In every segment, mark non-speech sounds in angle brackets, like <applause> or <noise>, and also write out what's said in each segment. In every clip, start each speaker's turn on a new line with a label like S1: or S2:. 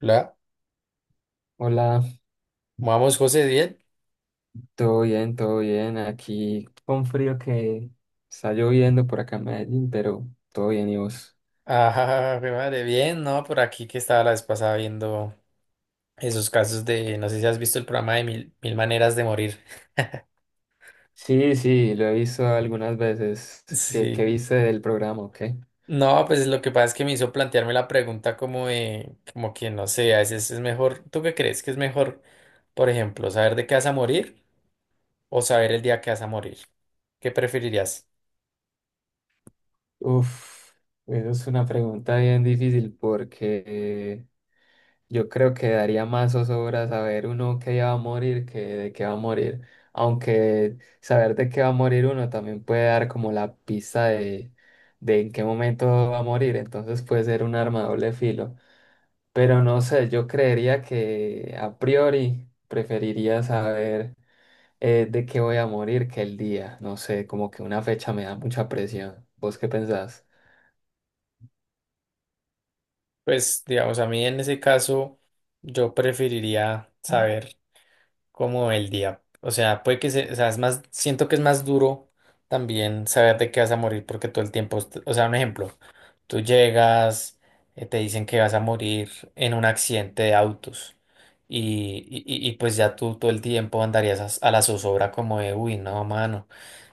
S1: Hola,
S2: Hola,
S1: vamos José, bien. <laughs>
S2: todo bien, todo bien. Aquí con frío que está lloviendo por acá en Medellín, pero todo bien, ¿y vos?
S1: Ah, mi madre, bien, ¿no? Por aquí que estaba la vez pasada viendo esos casos de, no sé si has visto el programa de Mil Maneras de Morir.
S2: Sí, sí, lo he visto algunas veces. ¿Qué, qué
S1: Sí.
S2: viste del programa, o qué?
S1: No, pues lo que pasa es que me hizo plantearme la pregunta como de, como que no sé, a veces es mejor, ¿tú qué crees que es mejor, por ejemplo, saber de qué vas a morir o saber el día que vas a morir? ¿Qué preferirías?
S2: Uf, eso es una pregunta bien difícil porque yo creo que daría más zozobra saber uno que ya va a morir que de qué va a morir. Aunque saber de qué va a morir uno también puede dar como la pista de en qué momento va a morir, entonces puede ser un arma de doble filo. Pero no sé, yo creería que a priori preferiría saber de qué voy a morir que el día. No sé, como que una fecha me da mucha presión. ¿Vos qué pensás?
S1: Pues, digamos, a mí en ese caso, yo preferiría saber como el día. O sea, o sea, es más, siento que es más duro también saber de qué vas a morir porque todo el tiempo, o sea, un ejemplo, tú llegas, te dicen que vas a morir en un accidente de autos y pues ya tú todo el tiempo andarías a la zozobra como de, uy, no, mano.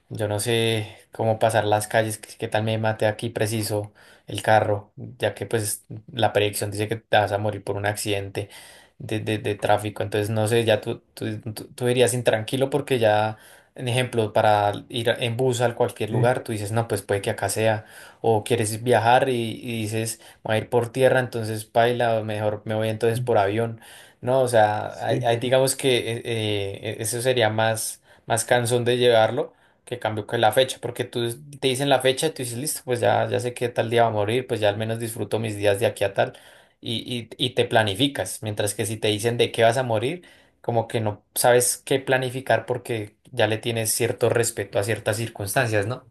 S1: Yo no sé cómo pasar las calles, qué tal me mate aquí preciso el carro, ya que pues la predicción dice que te vas a morir por un accidente de tráfico. Entonces, no sé, ya tú irías intranquilo porque ya, en ejemplo, para ir en bus a cualquier
S2: Sí,
S1: lugar, tú dices, no, pues puede que acá sea. O quieres viajar y dices, voy a ir por tierra, entonces paila, o mejor me voy entonces por avión. No, o sea, hay,
S2: sí,
S1: hay, digamos que eso sería más, más cansón de llevarlo que cambió que la fecha, porque tú te dicen la fecha y tú dices, listo, pues ya sé que tal día va a morir, pues ya al menos disfruto mis días de aquí a tal, y, y te planificas, mientras que si te dicen de qué vas a morir, como que no sabes qué planificar porque ya le tienes cierto respeto a ciertas circunstancias, ¿no?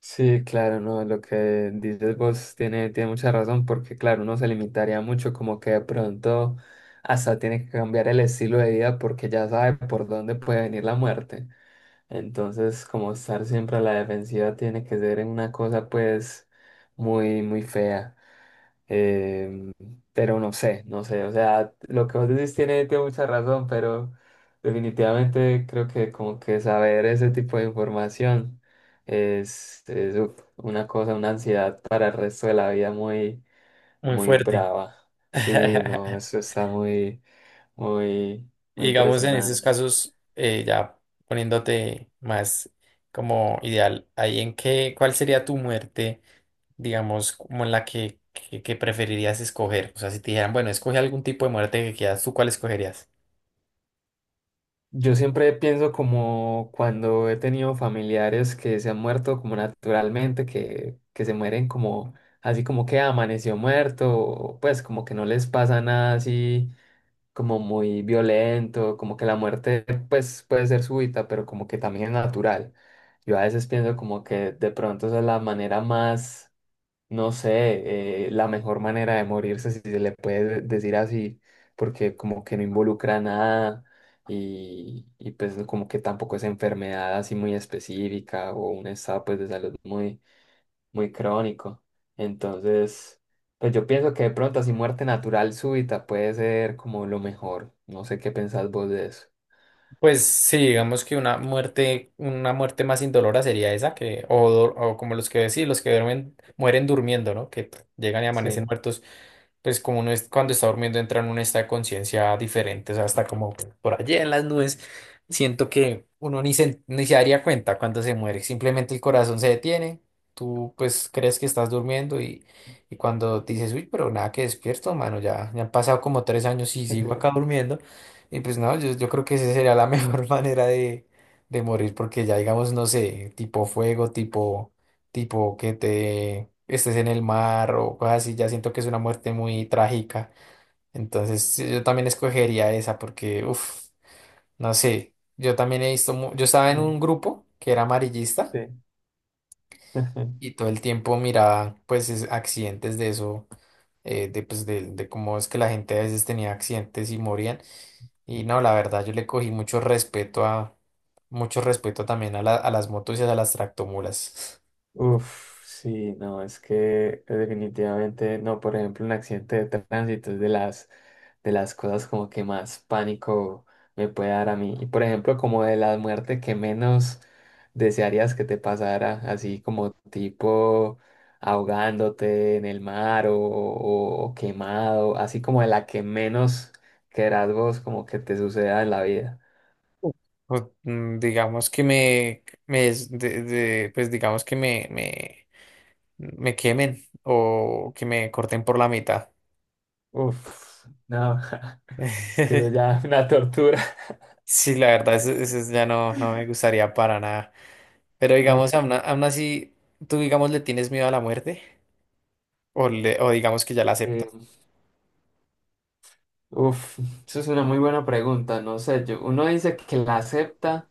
S2: sí, claro, no, lo que dices vos tiene, tiene mucha razón porque, claro, uno se limitaría mucho, como que de pronto hasta tiene que cambiar el estilo de vida porque ya sabe por dónde puede venir la muerte. Entonces, como estar siempre a la defensiva tiene que ser una cosa, pues, muy, muy fea. Em, pero no sé, no sé, o sea, lo que vos decís tiene, tiene mucha razón, pero definitivamente creo que como que saber ese tipo de información es uf, una cosa, una ansiedad para el resto de la vida muy,
S1: Muy
S2: muy
S1: fuerte.
S2: brava. Sí, no,
S1: <laughs>
S2: eso está muy, muy, muy
S1: Y digamos, en esos
S2: impresionante.
S1: casos, ya poniéndote más como ideal, ahí en qué, ¿cuál sería tu muerte? Digamos, como la que preferirías escoger. O sea, si te dijeran, bueno, escoge algún tipo de muerte que quieras, ¿tú cuál escogerías?
S2: Yo siempre pienso como cuando he tenido familiares que se han muerto como naturalmente, que se mueren como así como que amaneció muerto, o pues como que no les pasa nada así como muy violento, como que la muerte pues puede ser súbita, pero como que también es natural. Yo a veces pienso como que de pronto esa es la manera más no sé, la mejor manera de morirse, si se le puede decir así, porque como que no involucra nada y, y pues como que tampoco es enfermedad así muy específica o un estado pues de salud muy, muy crónico. Entonces, pues yo pienso que de pronto así muerte natural súbita puede ser como lo mejor. No sé qué pensás vos de eso.
S1: Pues sí, digamos que una muerte más indolora sería esa que, o como los que decís, los que duermen, mueren durmiendo, ¿no? Que llegan y amanecen
S2: Sí.
S1: muertos, pues como uno es, cuando está durmiendo entra en un estado de conciencia diferente, o sea, hasta como por allá en las nubes, siento que uno ni se daría cuenta cuando se muere, simplemente el corazón se detiene, tú pues crees que estás durmiendo y cuando dices, uy, pero nada que despierto, mano, ya han pasado como 3 años y sigo acá durmiendo. Y pues no, yo creo que esa sería la mejor <laughs> manera de morir, porque ya digamos, no sé, tipo fuego, tipo que te estés en el mar o cosas así, ya siento que es una muerte muy trágica. Entonces sí, yo también escogería esa porque, uff, no sé, yo también he visto, yo estaba en
S2: Mm,
S1: un grupo que era amarillista
S2: sí.
S1: y
S2: <laughs>
S1: todo el tiempo miraba pues accidentes de eso, de, pues, de cómo es que la gente a veces tenía accidentes y morían. Y no, la verdad, yo le cogí mucho respeto a, mucho respeto también a a las motos y a las tractomulas.
S2: Uf, sí, no, es que
S1: <laughs>
S2: definitivamente, no, por ejemplo, un accidente de tránsito es de las cosas como que más pánico me puede dar a mí. Y por ejemplo, como de la muerte que menos desearías que te pasara, así como tipo ahogándote en el mar o, o quemado, así como de la que menos querás vos como que te suceda en la vida.
S1: Pues, mm, digamos que me es- de- pues digamos que me quemen o que me corten por la mitad.
S2: Uf, no, <laughs> es que eso
S1: <laughs>
S2: ya es una tortura.
S1: Sí, la verdad, eso, no me gustaría para nada. Pero digamos, aún así, tú digamos le tienes miedo a la muerte o, o digamos que ya la aceptas.
S2: Mm. Uf, eso es una muy buena pregunta. No sé, yo, uno dice que la acepta,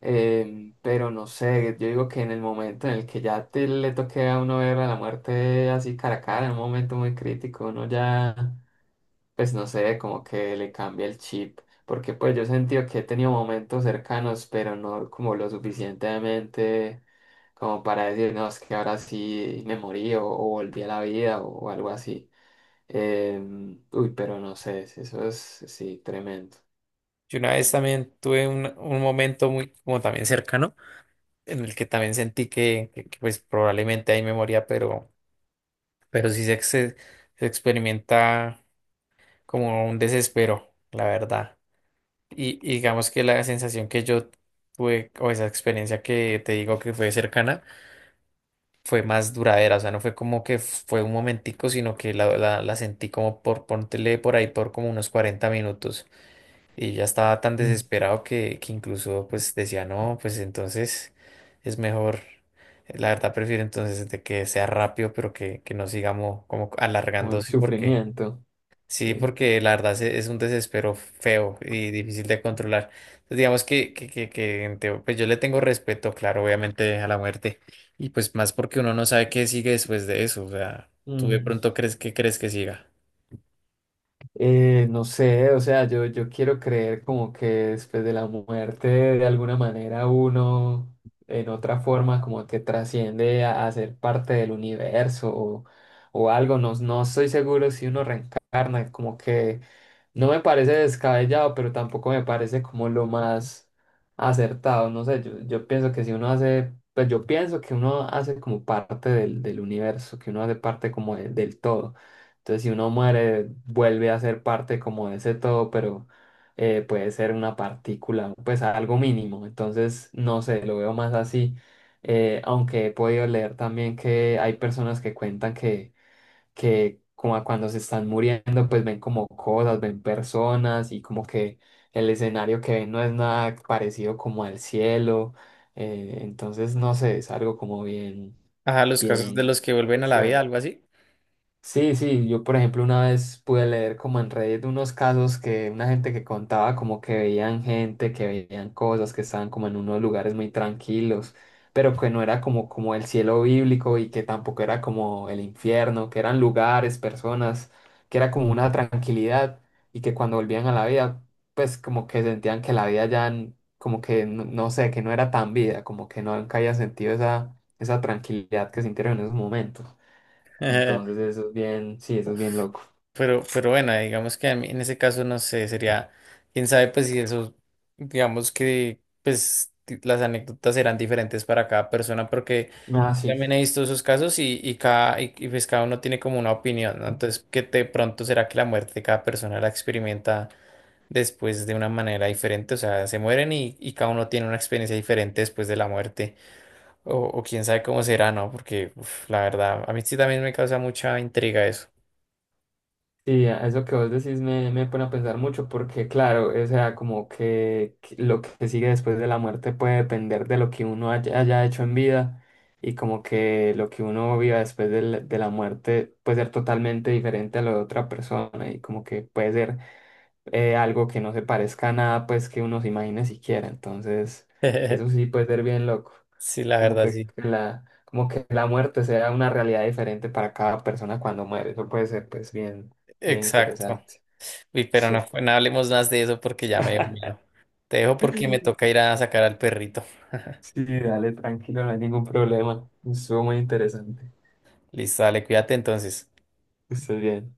S2: pero no sé, yo digo que en el momento en el que ya te, le toque a uno ver a la muerte así cara a cara, en un momento muy crítico, uno ya, pues no sé, como que le cambia el chip. Porque pues yo he sentido que he tenido momentos cercanos, pero no como lo suficientemente como para decir, no, es que ahora sí me morí o volví a la vida o algo así. Uy, pero no sé, si eso es, sí, tremendo.
S1: Yo una vez también tuve un momento muy como también cercano en el que también sentí que, pues probablemente ahí me moría, pero sí se experimenta como un desespero, la verdad. Y digamos que la sensación que yo tuve o esa experiencia que te digo que fue cercana fue más duradera, o sea, no fue como que fue un momentico, sino que la sentí como por, pontele por ahí por como unos 40 minutos y ya estaba tan
S2: Mm.
S1: desesperado que incluso pues decía, no, pues entonces es mejor, la verdad prefiero entonces de que sea rápido, pero que no sigamos como
S2: O el
S1: alargándose porque...
S2: sufrimiento,
S1: Sí,
S2: sí.
S1: porque la verdad es un desespero feo y difícil de controlar. Entonces, digamos que en pues yo le tengo respeto, claro, obviamente a la muerte. Y pues más porque uno no sabe qué sigue después de eso. O sea, tú de
S2: Mm.
S1: pronto crees que siga.
S2: No sé, o sea, yo quiero creer como que después de la muerte, de alguna manera, uno en otra forma como que trasciende a ser parte del universo o algo. No, no estoy seguro si uno reencarna, como que no me parece descabellado, pero tampoco me parece como lo más acertado. No sé, yo pienso que si uno hace, pues yo pienso que uno hace como parte del, del universo, que uno hace parte como del todo. Entonces, si uno muere, vuelve a ser parte como de ese todo, pero puede ser una partícula, pues algo mínimo. Entonces, no sé, lo veo más así. Aunque he podido leer también que hay personas que cuentan que como a cuando se están muriendo, pues ven como cosas, ven personas y como que el escenario que ven no es nada parecido como al cielo. Entonces, no sé, es algo como bien,
S1: Ajá, los casos de
S2: bien
S1: los que
S2: que me
S1: vuelven a la vida,
S2: cuestiona.
S1: algo así.
S2: Sí, sí, yo por ejemplo una vez pude leer como en Reddit unos casos que una gente que contaba como que veían gente, que veían cosas, que estaban como en unos lugares muy tranquilos, pero que no era como, como el cielo bíblico y que tampoco era como el infierno, que eran lugares, personas, que era como una tranquilidad y que cuando volvían a la vida, pues como que sentían que la vida ya n- como que no, no sé, que no era tan vida, como que no habían sentido esa, esa tranquilidad que sintieron en esos momentos. Entonces
S1: <laughs>
S2: eso es bien, sí, eso es bien
S1: Uf.
S2: loco.
S1: Pero bueno, digamos que a mí en ese caso no sé, sería, quién sabe, pues si eso, digamos que pues las anécdotas serán diferentes para cada persona, porque
S2: Ah,
S1: también
S2: sí.
S1: he visto esos casos y, y pues cada uno tiene como una opinión, ¿no? Entonces, ¿que de pronto será que la muerte de cada persona la experimenta después de una manera diferente? O sea, se mueren y cada uno tiene una experiencia diferente después de la muerte. O quién sabe cómo será, ¿no? Porque uf, la verdad, a mí sí también me causa mucha intriga eso.
S2: Sí, eso que vos decís me, me pone a pensar mucho porque, claro, o sea, como que lo que sigue después de la muerte puede depender de lo que uno haya, haya hecho en vida y como que lo que uno viva después de la muerte puede ser totalmente diferente a lo de otra persona y como que puede ser algo que no se parezca a nada, pues que uno se imagine siquiera. Entonces, eso
S1: <laughs>
S2: sí puede ser bien loco.
S1: Sí, la verdad, sí.
S2: Como que la muerte sea una realidad diferente para cada persona cuando muere. Eso puede ser, pues, bien, bien
S1: Exacto.
S2: interesante.
S1: Uy, pero
S2: Sí.
S1: no, no hablemos más de eso porque ya me dio
S2: <laughs>
S1: miedo. Te dejo porque me toca ir a sacar al perrito.
S2: Sí, dale, tranquilo, no hay ningún problema. Estuvo muy interesante.
S1: Listo, dale, cuídate entonces.
S2: Estés bien.